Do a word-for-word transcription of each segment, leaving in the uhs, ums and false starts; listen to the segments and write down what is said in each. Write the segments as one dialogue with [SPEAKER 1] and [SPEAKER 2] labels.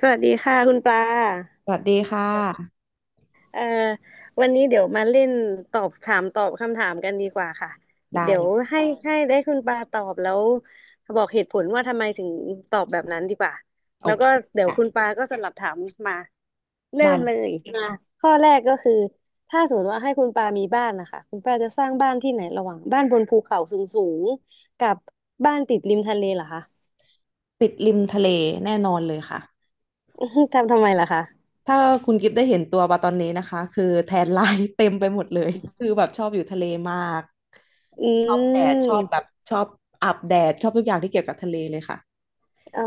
[SPEAKER 1] สวัสดีค่ะคุณปลา
[SPEAKER 2] สวัสดีค่ะ
[SPEAKER 1] เอ่อวันนี้เดี๋ยวมาเล่นตอบถามตอบคำถามกันดีกว่าค่ะ
[SPEAKER 2] ได้
[SPEAKER 1] เดี๋ย
[SPEAKER 2] เล
[SPEAKER 1] ว
[SPEAKER 2] ย
[SPEAKER 1] ให้ให้ได้คุณปลาตอบแล้วบอกเหตุผลว่าทำไมถึงตอบแบบนั้นดีกว่า
[SPEAKER 2] โอ
[SPEAKER 1] แล้ว
[SPEAKER 2] เค
[SPEAKER 1] ก็เดี๋ยว
[SPEAKER 2] ค่ะ
[SPEAKER 1] คุณปลาก็สลับถามมาเริ่
[SPEAKER 2] ได้
[SPEAKER 1] ม
[SPEAKER 2] เล
[SPEAKER 1] เล
[SPEAKER 2] ย
[SPEAKER 1] ยมาข้อแรกก็คือถ้าสมมติว่าให้คุณปลามีบ้านนะคะคุณปลาจะสร้างบ้านที่ไหนระหว่างบ้านบนภูเขาสูงสูงกับบ้านติดริมทะเลเหรอคะ
[SPEAKER 2] ติดริมทะเลแน่นอนเลยค่ะ
[SPEAKER 1] อื้อหือทำทำไมล่ะคะ
[SPEAKER 2] ถ้าคุณกิฟต์ได้เห็นตัวปลาตอนนี้นะคะคือแทนไลน์ เต็มไปหมดเลยคือแบบชอบอยู่ทะเลมาก
[SPEAKER 1] อื
[SPEAKER 2] ชอบแดดชอบแบ
[SPEAKER 1] ม
[SPEAKER 2] บชอบอาบแดดชอบทุกอย่างที่เกี่ยวกับทะเลเลยค่ะ
[SPEAKER 1] อ๋อ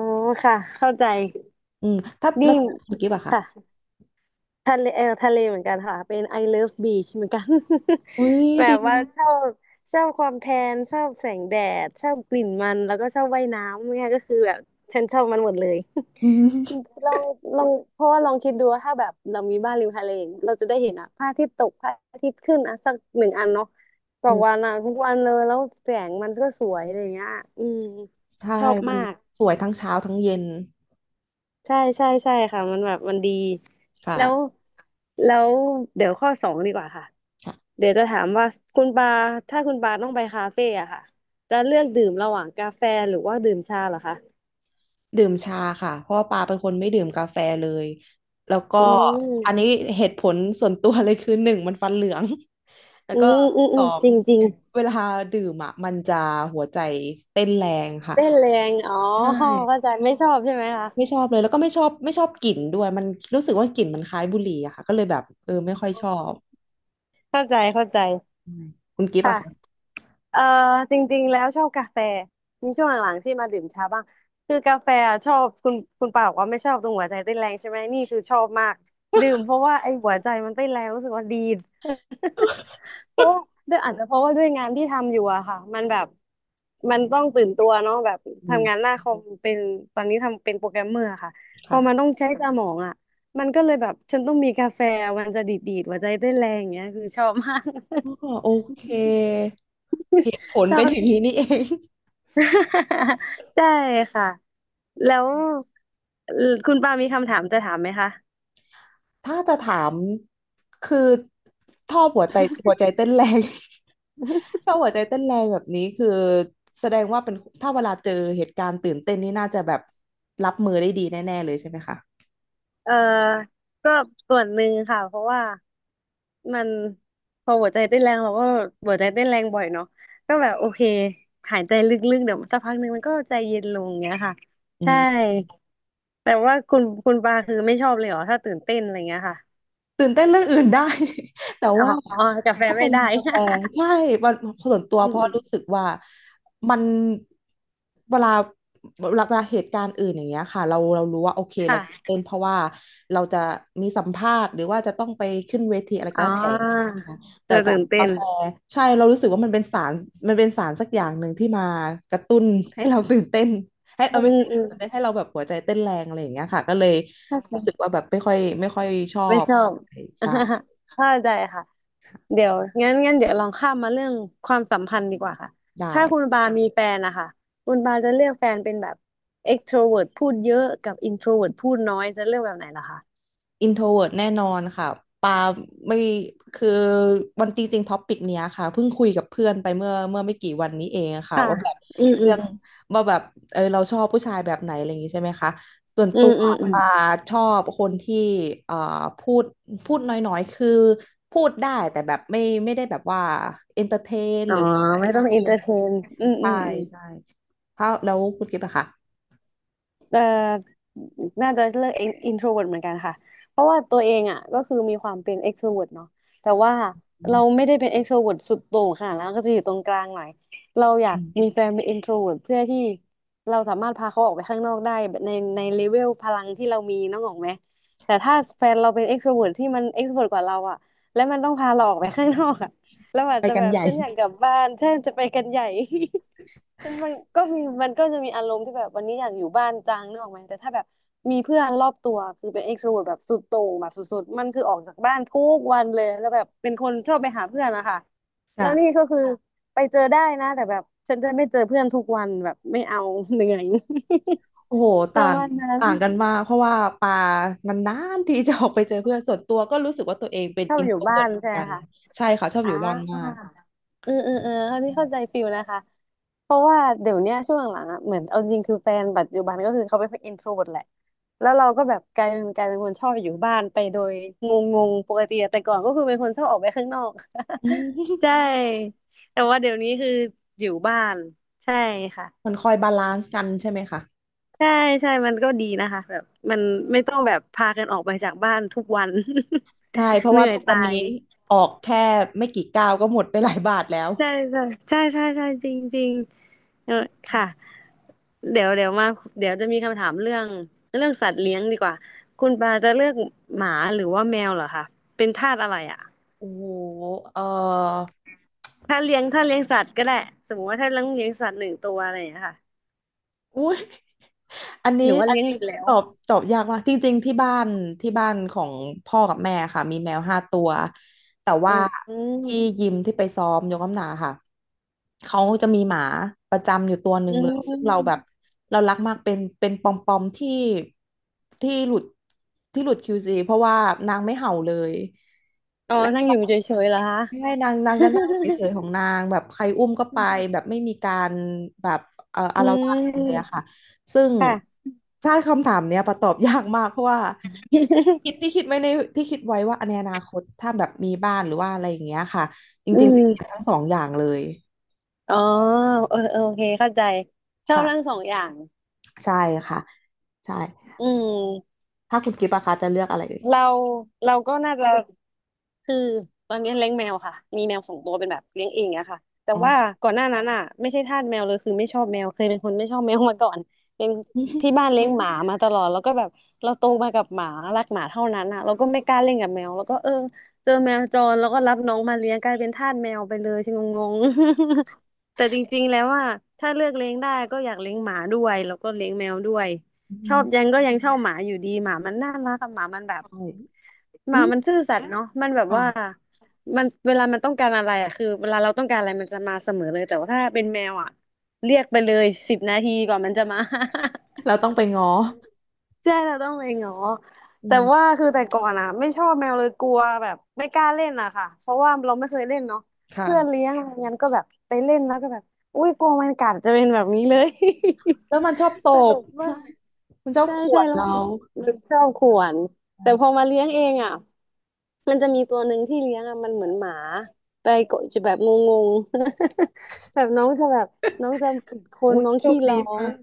[SPEAKER 1] ค่ะเข้าใจ
[SPEAKER 2] อืมถ้า
[SPEAKER 1] นี่
[SPEAKER 2] แล้วถ้าคุณกิฟต์อะค่ะ
[SPEAKER 1] ค่ะทะเลเออทะเลเหมือนกันค่ะเป็น I love beach เหมือนกัน
[SPEAKER 2] อุ้ย
[SPEAKER 1] แบ
[SPEAKER 2] ดี
[SPEAKER 1] บว่าชอบชอบความแทนชอบแสงแดดชอบกลิ่นมันแล้วก็ชอบว่ายน้ำเนี่ยก็คือแบบฉันชอบมันหมดเลย
[SPEAKER 2] อืม
[SPEAKER 1] ลองลองเพราะว่าลองคิดดูว่าถ้าแบบเรามีบ้านริมทะเลเราจะได้เห็นอะพระอาทิตย์ตกพระอาทิตย์ขึ้นอะสักหนึ่งอันเนาะต่อวันอ่ะทุกวันเลยแล้วแสงมันก็สวยอะไรอย่างเงี้ยอืม
[SPEAKER 2] ใช่
[SPEAKER 1] ชอบ
[SPEAKER 2] มั
[SPEAKER 1] มา
[SPEAKER 2] น
[SPEAKER 1] ก
[SPEAKER 2] สวยทั้งเช้าทั้งเย็น
[SPEAKER 1] ใช่ใช่ใช่ค่ะมันแบบมันดี
[SPEAKER 2] ค่ะ
[SPEAKER 1] แล้วแล้วเดี๋ยวข้อสองดีกว่าค่ะเดี๋ยวจะถามว่าคุณปาถ้าคุณปาต้องไปคาเฟ่อะค่ะจะเลือกดื่มระหว่างกาแฟหรือว่าดื่มชาเหรอคะ
[SPEAKER 2] ดื่มชาค่ะเพราะว่าปาเป็นคนไม่ดื่มกาแฟเลยแล้วก็
[SPEAKER 1] อื
[SPEAKER 2] อันนี้
[SPEAKER 1] ม
[SPEAKER 2] เหตุผลส่วนตัวเลยคือ หนึ่งมันฟันเหลือง แล้ว
[SPEAKER 1] อื
[SPEAKER 2] ก็
[SPEAKER 1] มอืม
[SPEAKER 2] ส
[SPEAKER 1] อื
[SPEAKER 2] อ
[SPEAKER 1] ม
[SPEAKER 2] ง
[SPEAKER 1] จริงจริง
[SPEAKER 2] เวลาดื่มอ่ะมันจะหัวใจเต้นแรงค่ะ
[SPEAKER 1] เต้นแรงอ๋อ
[SPEAKER 2] ใช่
[SPEAKER 1] เข้าใจไม่ชอบใช่ไหมคะ
[SPEAKER 2] ไม่ชอบเลยแล้วก็ไม่ชอบไม่ชอบกลิ่นด้วยมันรู้สึกว่ากลิ่นมันคล้ายบุหรี่อะค่ะก็เลยแบบเออไม่ค่อยชอบ
[SPEAKER 1] เข้าใจเข้าใจ
[SPEAKER 2] อืมคุณกิฟต์
[SPEAKER 1] ค่ะ
[SPEAKER 2] อะค่ะ
[SPEAKER 1] เออจริงๆแล้วชอบกาแฟมีช่วงหลังๆที่มาดื่มชาบ้างคือกาแฟอะชอบคุณคุณป่าบอกว่าไม่ชอบตรงหัวใจเต้นแรงใช่ไหมนี่คือชอบมากดื่มเพราะว่าไอ้หัวใจมันเต้นแรงรู้สึกว่าดี เพราะว่าด้วยอาจจะเพราะว่าด้วยงานที่ทำอยู่อะค่ะมันแบบมันต้องตื่นตัวเนาะแบบ
[SPEAKER 2] อื
[SPEAKER 1] ทำ
[SPEAKER 2] ม
[SPEAKER 1] งานหน้าคอมเป็นตอนนี้ทำเป็นโปรแกรมเมอร์ค่ะพอมันต้
[SPEAKER 2] ค่ะ
[SPEAKER 1] องใช้สมองอะมันก็เลยแบบฉันต้องมีกาแฟมันจะดีดๆหัวใจเต้นแรงอย่างเงี้ยคือชอบมาก
[SPEAKER 2] อ๋อโอเค เหตุผล
[SPEAKER 1] ชอ
[SPEAKER 2] เป็น
[SPEAKER 1] บ
[SPEAKER 2] อย่างนี้นี่เอง
[SPEAKER 1] ใช่ค่ะแล้วเอ่อคุณปามีคำถามจะถามไหมคะ
[SPEAKER 2] ถ้าจะถามคือชอบหัวใจหัวใจเต้นแรง ชอบหัวใจเต้นแรงแบบนี้คือแสดงว่าเป็นถ้าเวลาเจอเหตุการณ์ตื่นเต้นนี่น่าจะแบบรับมือได้ดีแน่ๆเลยใช่ไหมคะ
[SPEAKER 1] เออก็ส่วนหนึ่งค่ะเพราะว่ามันพอหัวใจเต้นแรงเราก็หัวใจเต้นแรงบ่อยเนาะก็แบบโอเคหายใจลึกๆเดี๋ยวสักพักหนึ่งมันก็ใจเย็นลงเงี้ยค่ะ
[SPEAKER 2] อื
[SPEAKER 1] ใช่
[SPEAKER 2] ม
[SPEAKER 1] แต่ว่าคุณคุณปาคือไม่ชอบเลยเหรอถ้าตื่นเต้นอะไรเงี้ยค่ะ
[SPEAKER 2] ตื่นเต้นเรื่องอื่นได้ แต่
[SPEAKER 1] อ๋อ
[SPEAKER 2] ว่า
[SPEAKER 1] กาแฟ
[SPEAKER 2] ถ้า
[SPEAKER 1] น
[SPEAKER 2] เป็
[SPEAKER 1] ไม่
[SPEAKER 2] น
[SPEAKER 1] ได้
[SPEAKER 2] กาแฟใช่มันส่วนตัว
[SPEAKER 1] อื
[SPEAKER 2] เพราะ
[SPEAKER 1] ม
[SPEAKER 2] รู้สึ
[SPEAKER 1] ๆ
[SPEAKER 2] กว่ามันเวลาเวลาเวลาเหตุการณ์อื่นอย่างเงี้ยค่ะเราเรารู้ว่าโอเคเราตื่น
[SPEAKER 1] ค่ะ
[SPEAKER 2] เต้นเพราะว่าเราจะมีสัมภาษณ์หรือว่าจะต้องไปขึ้นเวทีอะไรก็
[SPEAKER 1] อ๋อ
[SPEAKER 2] แล้วแต่แต่
[SPEAKER 1] จะ
[SPEAKER 2] กั
[SPEAKER 1] ตื่
[SPEAKER 2] บ
[SPEAKER 1] นเต้
[SPEAKER 2] กา
[SPEAKER 1] น
[SPEAKER 2] แฟใช่เรารู้สึกว่ามันเป็นสารมันเป็นสารสักอย่างหนึ่งที่มากระตุ้นให้เราตื่นเต้นให้เอ
[SPEAKER 1] อื
[SPEAKER 2] อไม่
[SPEAKER 1] ม
[SPEAKER 2] ใช่
[SPEAKER 1] อื
[SPEAKER 2] ให้
[SPEAKER 1] ม
[SPEAKER 2] เราตื่นเต้นให้เราแบบหัวใจเต้นแรงอะไรอย่างเงี้ยค่ะก็เลย
[SPEAKER 1] เข้าใจ
[SPEAKER 2] รู้สึกว่าแบบไม่ค่อยไม่ค่อยชอ
[SPEAKER 1] ไม่
[SPEAKER 2] บ
[SPEAKER 1] ชอบ
[SPEAKER 2] ได้ค่ะ
[SPEAKER 1] เข้าใจค่ะเดี๋ยวงั้นงั้นเดี๋ยวลองข้ามมาเรื่องความสัมพันธ์ดีกว่าค่ะ
[SPEAKER 2] ได้
[SPEAKER 1] ถ้าคุณบาคมีแฟนนะคะคุณบาจะเลือกแฟนเป็นแบบ extrovert พูดเยอะกับ introvert พูดน้อยจะเลือกแบบไหนล่ะคะ
[SPEAKER 2] introvert แน่นอนค่ะปาไม่คือวันจริงๆท็อปิกเนี้ยค่ะเพิ่งคุยกับเพื่อนไปเมื่อเมื่อไม่กี่วันนี้เองค่ะ
[SPEAKER 1] ค่ะ
[SPEAKER 2] ว่าแบบ
[SPEAKER 1] อืมอื
[SPEAKER 2] เรื่
[SPEAKER 1] ม
[SPEAKER 2] องว่าแบบเออเราชอบผู้ชายแบบไหนอะไรอย่างงี้ใช่ไหมคะส่วน
[SPEAKER 1] อื
[SPEAKER 2] ตั
[SPEAKER 1] ม
[SPEAKER 2] ว
[SPEAKER 1] อืมอืม
[SPEAKER 2] ปาชอบคนที่เอ่อพูดพูดน้อยๆคือพูดได้แต่แบบไม่ไม่ได้แบบว่า entertain
[SPEAKER 1] อ๋
[SPEAKER 2] ห
[SPEAKER 1] อ
[SPEAKER 2] รือว่า
[SPEAKER 1] ไม่ต้อง
[SPEAKER 2] extrovert
[SPEAKER 1] entertain อืมอื
[SPEAKER 2] ใช่
[SPEAKER 1] มอืม
[SPEAKER 2] ใช่เพราะแล้วคุณกิ๊บอะคะ
[SPEAKER 1] เอ่อน่าจะเลือก introvert เหมือนกันค่ะ เพราะว่าตัวเองอ่ะก็คือมีความเป็น e x t r o v e r t เนาะแต่ว่าเรา
[SPEAKER 2] อ
[SPEAKER 1] ไม่ได้เป็น extrovert สุดโต่งค่ะแล้วก็จะอยู่ตรงกลางหน่อยเราอยาก
[SPEAKER 2] ืม
[SPEAKER 1] มีแฟนเป็น i n t r o v e r t เพื่อที่เราสามารถพาเขาออกไปข้างนอกได้แบบในในเลเวลพลังที่เรามีน้องออกไหมแต่ถ้าแฟนเราเป็น e x t r o v e r t ที่มัน e x t r o v e r t กว่าเราอ่ะและมันต้องพาเราออกไปข้างนอกอ่ะเราอาจ
[SPEAKER 2] ไป
[SPEAKER 1] จะ
[SPEAKER 2] กั
[SPEAKER 1] แบ
[SPEAKER 2] น
[SPEAKER 1] บ
[SPEAKER 2] ใหญ่
[SPEAKER 1] เช่นอยากกลับบ้านเช่นจะไปกันใหญ่ ซึ่งมันก็มีมันก็จะมีอารมณ์ที่แบบวันนี้อยากอยู่บ้านจังนึกออกไหมแต่ถ้าแบบมีเพื่อนรอบตัวคือเป็นเอ็กโทรเวิร์ตแบบสุดโต่งแบบสุดๆมันคือออกจากบ้านทุกวันเลยแล้วแบบเป็นคนชอบไปหาเพื่อนนะคะแล้วนี่
[SPEAKER 2] ค่ะ
[SPEAKER 1] ก็คือไปเจอได้นะแต่แบบฉันจะไม่เจอเพื่อนทุกวันแบบไม่เอา เหนื่อย
[SPEAKER 2] โอ้โห
[SPEAKER 1] ป
[SPEAKER 2] ต่า
[SPEAKER 1] ระ
[SPEAKER 2] ง
[SPEAKER 1] มาณนั้น
[SPEAKER 2] ต่างกันมากเพราะว่าปานานๆที่จะออกไปเจอเพื่อนส่วนตัวก็รู้สึกว่าตัวเองเป็น
[SPEAKER 1] ชอบ
[SPEAKER 2] อิน
[SPEAKER 1] อ
[SPEAKER 2] โท
[SPEAKER 1] ยู่
[SPEAKER 2] ร
[SPEAKER 1] บ้า
[SPEAKER 2] เวิร์ต
[SPEAKER 1] น
[SPEAKER 2] เหมือน
[SPEAKER 1] ใช่ไหม
[SPEAKER 2] กัน
[SPEAKER 1] คะ
[SPEAKER 2] ใช่ค่ะชอบ
[SPEAKER 1] อ่
[SPEAKER 2] อยู่บ้านมาก
[SPEAKER 1] าเออเออเออเขาที่เข้าใจฟิลนะคะ เพราะว่าเดี๋ยวเนี้ยช่วงหลังๆอ่ะเหมือนเอาจริงคือแฟนปัจจุบันก็คือเขาเป็นอินโทรเวิร์ตแหละแล้วเราก็แบบกลายเป็นกลายเป็นคนชอบอยู่บ้านไปโดยงงๆปกติอะแต่ก่อนก็คือเป็นคนชอบออกไปข้างนอก
[SPEAKER 2] อืม
[SPEAKER 1] ใช่ แต่ว่าเดี๋ยวนี้คืออยู่บ้านใช่ค่ะ
[SPEAKER 2] มันคอยบาลานซ์กันใช่ไหมคะ
[SPEAKER 1] ใช่ใช่มันก็ดีนะคะแบบมันไม่ต้องแบบพากันออกไปจากบ้านทุกวัน
[SPEAKER 2] ใช่เพ ราะ
[SPEAKER 1] เห
[SPEAKER 2] ว่า
[SPEAKER 1] นื่อย
[SPEAKER 2] ทุกวั
[SPEAKER 1] ตา
[SPEAKER 2] นนี้
[SPEAKER 1] ย
[SPEAKER 2] ออกแค่ไม่กี่ก้าวก็หมดไปหลายบาทแล้ว
[SPEAKER 1] ใช่ใช่ใช่ใช่ใช่จริงจริงเออค่ะเดี๋ยวเดี๋ยวมาเดี๋ยวจะมีคำถามเรื่องเรื่องสัตว์เลี้ยงดีกว่าคุณปาจะเลือกหมาหรือว่าแมวเหรอคะเป็นทาสอะไรอ่ะ
[SPEAKER 2] โอ้โหเออ
[SPEAKER 1] ถ้าเลี้ยงถ้าเลี้ยงสัตว์ก็ได้สมมติว่าถ้าเลี้ยงเลี้ยงสัตว์หนึ่งตัวอะไรอย่างเงี้ยค่ะ
[SPEAKER 2] อุ้ย อันนี้
[SPEAKER 1] หรือว่า
[SPEAKER 2] อัน
[SPEAKER 1] เลี้ยง
[SPEAKER 2] นี้
[SPEAKER 1] อีกแล้ว
[SPEAKER 2] ตอบตอบยากมากจริงๆที่บ้านที่บ้านของพ่อกับแม่ค่ะมีแมวห้าตัวแต่
[SPEAKER 1] อื
[SPEAKER 2] ว่า
[SPEAKER 1] ม
[SPEAKER 2] ที่ยิมที่ไปซ้อมยกน้ำหนักค่ะเขาจะมีหมาประจำอยู่ตัวหนึ่
[SPEAKER 1] อื
[SPEAKER 2] งเลยซึ่ง
[SPEAKER 1] ม
[SPEAKER 2] เราแบบเรารักมากเป็นเป็นปอมปอมที่ที่หลุดที่หลุด คิว ซี เพราะว่านางไม่เห่าเลย
[SPEAKER 1] อ๋อนั่งอยู่เฉยๆเหรอคะ
[SPEAKER 2] ไม่ใช่นางนางจะนั่งเฉยๆของนางแบบใครอุ้มก็ไปแบบไม่มีการแบบเอ่อ อา
[SPEAKER 1] อื
[SPEAKER 2] ละวาดอะไรเลยอะ
[SPEAKER 1] ม
[SPEAKER 2] ค่ะซึ่ง
[SPEAKER 1] ค่ะ
[SPEAKER 2] ใช่คำถามเนี้ยประตอบยากมากเพราะว่าคิด ที่คิดไว้ในที่คิดไว้ว่าในอนาคตถ้าแบบมีบ้านหรือว่าอะไรอย่างเงี้ยค่ะจ
[SPEAKER 1] อื
[SPEAKER 2] ริงๆ
[SPEAKER 1] ม
[SPEAKER 2] จะเลือกทั้งสองอย่างเลย
[SPEAKER 1] อ๋อเออเออโอเคเข้าใจชอบทั้ง
[SPEAKER 2] ค่ะ
[SPEAKER 1] สองอย่าง
[SPEAKER 2] ใช่ค่ะใช่
[SPEAKER 1] อืม
[SPEAKER 2] ถ้าคุณกิฟต์อะคะจะเลือกอะไรเอ่ย
[SPEAKER 1] เราเราก็น่าจะคือตอนนี้เลี้ยงแมวค่ะมีแมวสองตัวเป็นแบบเลี้ยงเองอะค่ะแต่
[SPEAKER 2] อ๋อ
[SPEAKER 1] ว่าก่อนหน้านั้นอะไม่ใช่ทาสแมวเลยคือไม่ชอบแมวเคยเป็นคนไม่ชอบแมวมาก่อนเป็นที่บ้านเลี้ยงหมามาตลอดแล้วก็แบบเราโตมากับหมารักหมาเท่านั้นอะเราก็ไม่กล้าเล่นกับแมวแล้วก็เออเจอแมวจรแล้วก็รับน้องมาเลี้ยงกลายเป็นทาสแมวไปเลยชิงงงๆ แต่จริงๆแล้วอะถ้าเลือกเลี้ยงได้ก็อยากเลี้ยงหมาด้วยแล้วก็เลี้ยงแมวด้วย
[SPEAKER 2] อื
[SPEAKER 1] ชอ
[SPEAKER 2] ม
[SPEAKER 1] บยังก็ยังชอบหมาอยู่ดีหมามันน่ารักอะหมามันแบบ
[SPEAKER 2] ใช่
[SPEAKER 1] ห
[SPEAKER 2] อื
[SPEAKER 1] มามัน
[SPEAKER 2] ม
[SPEAKER 1] ซื่อสัตย์เนาะมันแบบ
[SPEAKER 2] ค่ะ
[SPEAKER 1] ว่ามันเวลามันต้องการอะไรอะคือเวลาเราต้องการอะไรมันจะมาเสมอเลยแต่ว่าถ้าเป็นแมวอะเรียกไปเลยสิบนาทีกว่ามันจะมา
[SPEAKER 2] เรา ต้องไปง้อ
[SPEAKER 1] ใช่เราต้องไปหงอ
[SPEAKER 2] อื
[SPEAKER 1] แต่ว่า
[SPEAKER 2] ม
[SPEAKER 1] คือแต่ก่อนอะไม่ชอบแมวเลยกลัวแบบไม่กล้าเล่นอะค่ะเพราะว่าเราไม่เคยเล่นเนาะเพื่อนเลี้
[SPEAKER 2] ค่ะ
[SPEAKER 1] ยงอะไรงั้นก็แบบไปเล่นแล้วก็แบบอุ้ยกลัวมันกัดจะเป็นแบบนี้เลย
[SPEAKER 2] แล้วมันชอบต
[SPEAKER 1] ตล
[SPEAKER 2] บ
[SPEAKER 1] กมา
[SPEAKER 2] ใช่
[SPEAKER 1] ก
[SPEAKER 2] คุณเจ้า
[SPEAKER 1] ใช่
[SPEAKER 2] ข
[SPEAKER 1] ใช่
[SPEAKER 2] วด
[SPEAKER 1] แล้ว
[SPEAKER 2] เรา
[SPEAKER 1] มันมันชอบข่วนแต่พอ
[SPEAKER 2] อ่ะ
[SPEAKER 1] มาเลี้ยงเองอ่ะมันจะมีตัวหนึ่งที่เลี้ยงอ่ะมันเหมือนหมาไปกดจะแบบงงๆ แบบน้องจะแบบน้องจะกัดคน
[SPEAKER 2] อุ้ย
[SPEAKER 1] น้อง
[SPEAKER 2] โช
[SPEAKER 1] ขี้
[SPEAKER 2] ค
[SPEAKER 1] ร้
[SPEAKER 2] ดี
[SPEAKER 1] อง
[SPEAKER 2] มาก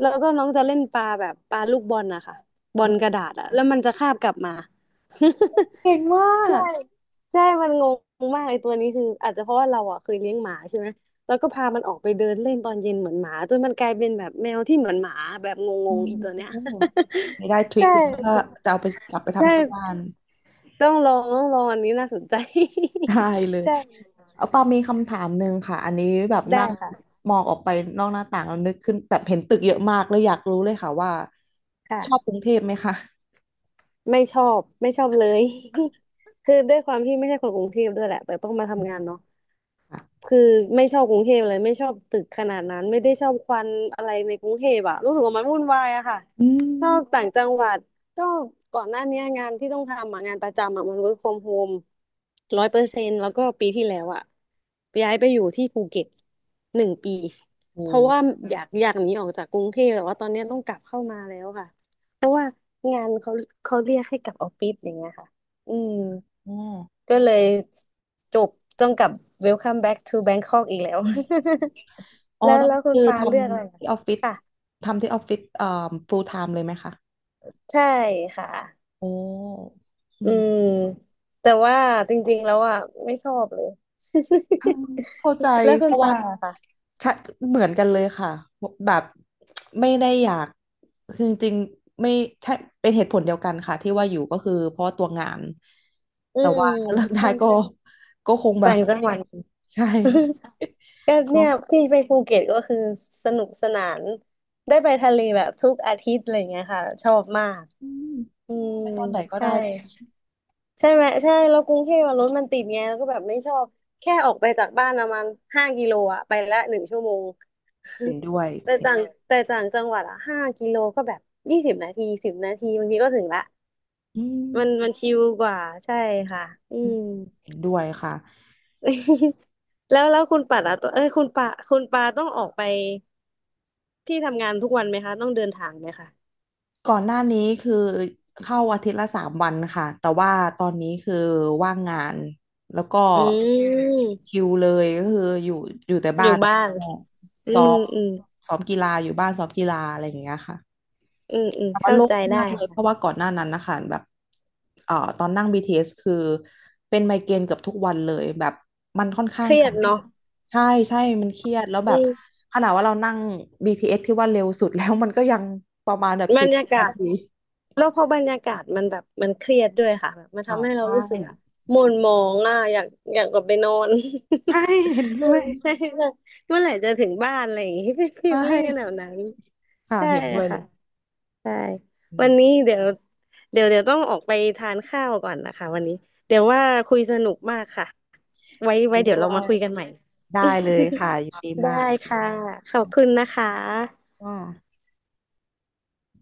[SPEAKER 1] แล้วก็น้องจะเล่นปลาแบบปลาลูกบอลนะคะบอ
[SPEAKER 2] อื
[SPEAKER 1] ลก
[SPEAKER 2] ม
[SPEAKER 1] ระดาษอ่ะแล้วมันจะคาบกลับมา
[SPEAKER 2] เก่งมา
[SPEAKER 1] ใช่
[SPEAKER 2] ก
[SPEAKER 1] ใช่มันงงมากไอ้ตัวนี้คืออาจจะเพราะว่าเราอ่ะเคยเลี้ยงหมาใช่ไหมแล้วก็พามันออกไปเดินเล่นตอนเย็นเหมือนหมาจนมันกลายเป็นแบบแมวที่เหมือนหมาแบบง
[SPEAKER 2] อื
[SPEAKER 1] ง
[SPEAKER 2] ม
[SPEAKER 1] ๆอีตัวเนี้ย
[SPEAKER 2] โอ้ไม่ได้ท ริค
[SPEAKER 1] ใช่
[SPEAKER 2] เลยถ้าจะเอาไปกลับไป
[SPEAKER 1] ใช่
[SPEAKER 2] ทำที่บ้าน
[SPEAKER 1] ต้องลองต้องลองอันนี้น่าสนใจ
[SPEAKER 2] ได้เล ย
[SPEAKER 1] ใช่
[SPEAKER 2] เอาปามีคำถามหนึ่งค่ะ อันนี้แบบนั่
[SPEAKER 1] ได้
[SPEAKER 2] ง
[SPEAKER 1] ค่ะ
[SPEAKER 2] มองออกไปนอกหน้าต่างแล้วนึกขึ้นแบบเห็นตึกเยอะมากเลยอยากรู้เลยค่ะว่าชอบก
[SPEAKER 1] ค่ะ
[SPEAKER 2] รุงเทพไหมคะ
[SPEAKER 1] ไม่ชอบไม่ชอบเลย คือด้วยความที่ไม่ใช่คนกรุงเทพด้วยแหละแต่ต้องมาทำงานเนาะ
[SPEAKER 2] ค่ะ
[SPEAKER 1] คือไม่ชอบกรุงเทพเลยไม่ชอบตึกขนาดนั้นไม่ได้ชอบควันอะไรในกรุงเทพอะรู้สึกว่ามันวุ่นวายอะค่ะ
[SPEAKER 2] อื
[SPEAKER 1] ชอ
[SPEAKER 2] ม
[SPEAKER 1] บต่างจังหวัดก็ก่อนหน้าเนี้ยงานที่ต้องทำอะงานประจำอะมัน work from home ร้อยเปอร์เซ็นต์แล้วก็ปีที่แล้วอะย้ายไปอยู่ที่ภูเก็ตหนึ่งปีเพ
[SPEAKER 2] โอ้
[SPEAKER 1] ราะว่าอยากอยากหนีออกจากกรุงเทพแต่ว่าตอนเนี้ยต้องกลับเข้ามาแล้วค่ะเพราะว่างานเขาเขาเรียกให้กลับออฟฟิศอย่างเงี้ยค่ะอืม
[SPEAKER 2] อ๋อ
[SPEAKER 1] ก็เลยจบต้องกลับ Welcome back to Bangkok อีกแล้ว
[SPEAKER 2] อ๋อ
[SPEAKER 1] แล้ว
[SPEAKER 2] ต้อง
[SPEAKER 1] แล้วคุณ
[SPEAKER 2] คือ
[SPEAKER 1] ปา
[SPEAKER 2] ท
[SPEAKER 1] เลือกอะไรเหร
[SPEAKER 2] ำ
[SPEAKER 1] อ
[SPEAKER 2] ที่ออฟฟิศ
[SPEAKER 1] ค่ะ
[SPEAKER 2] ทำที่ออฟฟิศเอ่อ full time เลยไหมคะ
[SPEAKER 1] ใช่ค่ะ
[SPEAKER 2] โอ้อื
[SPEAKER 1] อื
[SPEAKER 2] ม
[SPEAKER 1] มแต่ว่าจริงๆ แล้วอ่ะไม่ชอบเลย
[SPEAKER 2] เข้าใจ
[SPEAKER 1] แล้ว
[SPEAKER 2] เพ
[SPEAKER 1] คุณ
[SPEAKER 2] ราะว่า
[SPEAKER 1] ปาอะค่ะ
[SPEAKER 2] ชะเหมือนกันเลยค่ะแบบไม่ได้อยากคือจริงๆไม่ใช่เป็นเหตุผลเดียวกันค่ะที่ว่าอยู่ก็คือเพราะตัวงาน
[SPEAKER 1] อื
[SPEAKER 2] แต่
[SPEAKER 1] ม
[SPEAKER 2] ว่าถ้าเลิกได้
[SPEAKER 1] ใช่
[SPEAKER 2] ก็
[SPEAKER 1] ใช่
[SPEAKER 2] ก็คงแบ
[SPEAKER 1] ต่า
[SPEAKER 2] บ
[SPEAKER 1] งจังหวัด
[SPEAKER 2] ใช่
[SPEAKER 1] ก็ เนี่
[SPEAKER 2] เนาะ
[SPEAKER 1] ยที่ไปภูเก็ตก็คือสนุกสนาน ได้ไปทะเลแบบทุกอาทิตย์อะไรเงี้ยค่ะชอบมาก
[SPEAKER 2] อืม
[SPEAKER 1] อืม
[SPEAKER 2] ไปตอนไหนก็
[SPEAKER 1] ใช่
[SPEAKER 2] ได้ด้วย
[SPEAKER 1] ใช่ไหมใช่แล้วกรุงเทพอะรถมันติดไงแล้วก็แบบไม่ชอบแค่ออกไปจากบ้านประมาณห้ากิโลอะไปละหนึ่งชั่วโมง
[SPEAKER 2] เห็นด้วย
[SPEAKER 1] แต่
[SPEAKER 2] เห็น
[SPEAKER 1] ต่างแต่ต่างจังหวัดอะห้ากิโลก็แบบยี่สิบนาทีสิบนาทีบางทีก็ถึงละ
[SPEAKER 2] อื
[SPEAKER 1] มันมัน
[SPEAKER 2] ม
[SPEAKER 1] ชิลกว่าใช่ค่ะอืม
[SPEAKER 2] เห็นด้วยค่ะ
[SPEAKER 1] แล้วแล้วคุณปัดอะตัวเอ้ยคุณปาคุณปาต้องออกไปที่ทำงานทุกวันไหมคะต้องเดินทางไหมคะ
[SPEAKER 2] ก่อนหน้านี้คือเข้าอาทิตย์ละสามวันค่ะ แต่ว่าตอนนี้คือว่างงานแล้วก็
[SPEAKER 1] อื
[SPEAKER 2] ชิ
[SPEAKER 1] ม
[SPEAKER 2] ลเลยก็คืออยู่อยู่แต่
[SPEAKER 1] อ
[SPEAKER 2] บ้า
[SPEAKER 1] ยู่
[SPEAKER 2] นแล้ว
[SPEAKER 1] บ้าน
[SPEAKER 2] ก็
[SPEAKER 1] อื
[SPEAKER 2] ซ้อ
[SPEAKER 1] ม
[SPEAKER 2] ม
[SPEAKER 1] อืม
[SPEAKER 2] ซ้อมกีฬาอยู่บ้านซ้อมกีฬาอะไรอย่างเงี้ยค่ะ
[SPEAKER 1] อืมอืม
[SPEAKER 2] แต่ว่า
[SPEAKER 1] เข้า
[SPEAKER 2] โล่ง
[SPEAKER 1] ใจได้
[SPEAKER 2] มากเลยเพราะ
[SPEAKER 1] ค่ะ
[SPEAKER 2] ว่าก่อนหน้านั้นนะคะแบบเอ่อตอนนั่ง บี ที เอส คือเป็นไมเกรนเกือบทุกวันเลยแบบมันค่อนข้า
[SPEAKER 1] เค
[SPEAKER 2] ง
[SPEAKER 1] รี
[SPEAKER 2] ก
[SPEAKER 1] ยด
[SPEAKER 2] ด
[SPEAKER 1] เนาะ
[SPEAKER 2] ใช่ใช่มันเครียดแล้วแบบขนาดว่าเรานั่ง บี ที เอส ทีเอสที่ว่าเร็วสุดแล้วมันก็ยังประมาณแบบ
[SPEAKER 1] บร
[SPEAKER 2] สี่
[SPEAKER 1] รยา
[SPEAKER 2] สิบ
[SPEAKER 1] กา
[SPEAKER 2] นา
[SPEAKER 1] ศ
[SPEAKER 2] ที
[SPEAKER 1] แล้วพอบรรยากาศมันแบบมันเครียดด้วยค่ะแบบมัน
[SPEAKER 2] ค่ะ
[SPEAKER 1] ทำให้เรา
[SPEAKER 2] ใช่
[SPEAKER 1] รู้สึกอะหม่นหมองอ่ะอยากอยากกลับไปนอน
[SPEAKER 2] ใช่เห็น
[SPEAKER 1] เอ
[SPEAKER 2] ด้
[SPEAKER 1] อ
[SPEAKER 2] วย
[SPEAKER 1] ใช่เลยเมื่อไหร่จะถึงบ้านอะไรอย่างงี้ เป็นฟี
[SPEAKER 2] ใช
[SPEAKER 1] ลลิ่งกันแบบ
[SPEAKER 2] ่
[SPEAKER 1] นั้น
[SPEAKER 2] ค่ะ
[SPEAKER 1] ใช่
[SPEAKER 2] เห็นด้วยเล
[SPEAKER 1] ค่ะ
[SPEAKER 2] ย
[SPEAKER 1] ใช่
[SPEAKER 2] อื
[SPEAKER 1] วั
[SPEAKER 2] ม
[SPEAKER 1] นนี้เดี๋ยวเดี๋ยวเดี๋ยวต้องออกไปทานข้าวก่อนนะคะวันนี้เดี๋ยวว่าคุยสนุกมากค่ะไว้ไว้
[SPEAKER 2] เห็น
[SPEAKER 1] เดี๋
[SPEAKER 2] ด้
[SPEAKER 1] ยว
[SPEAKER 2] ว
[SPEAKER 1] เรามา
[SPEAKER 2] ย
[SPEAKER 1] คุยกันใหม่
[SPEAKER 2] ได้เลยค่ะยินดี
[SPEAKER 1] ได้
[SPEAKER 2] มาก
[SPEAKER 1] ค่ะขอบคุณนะคะ
[SPEAKER 2] ค่ะ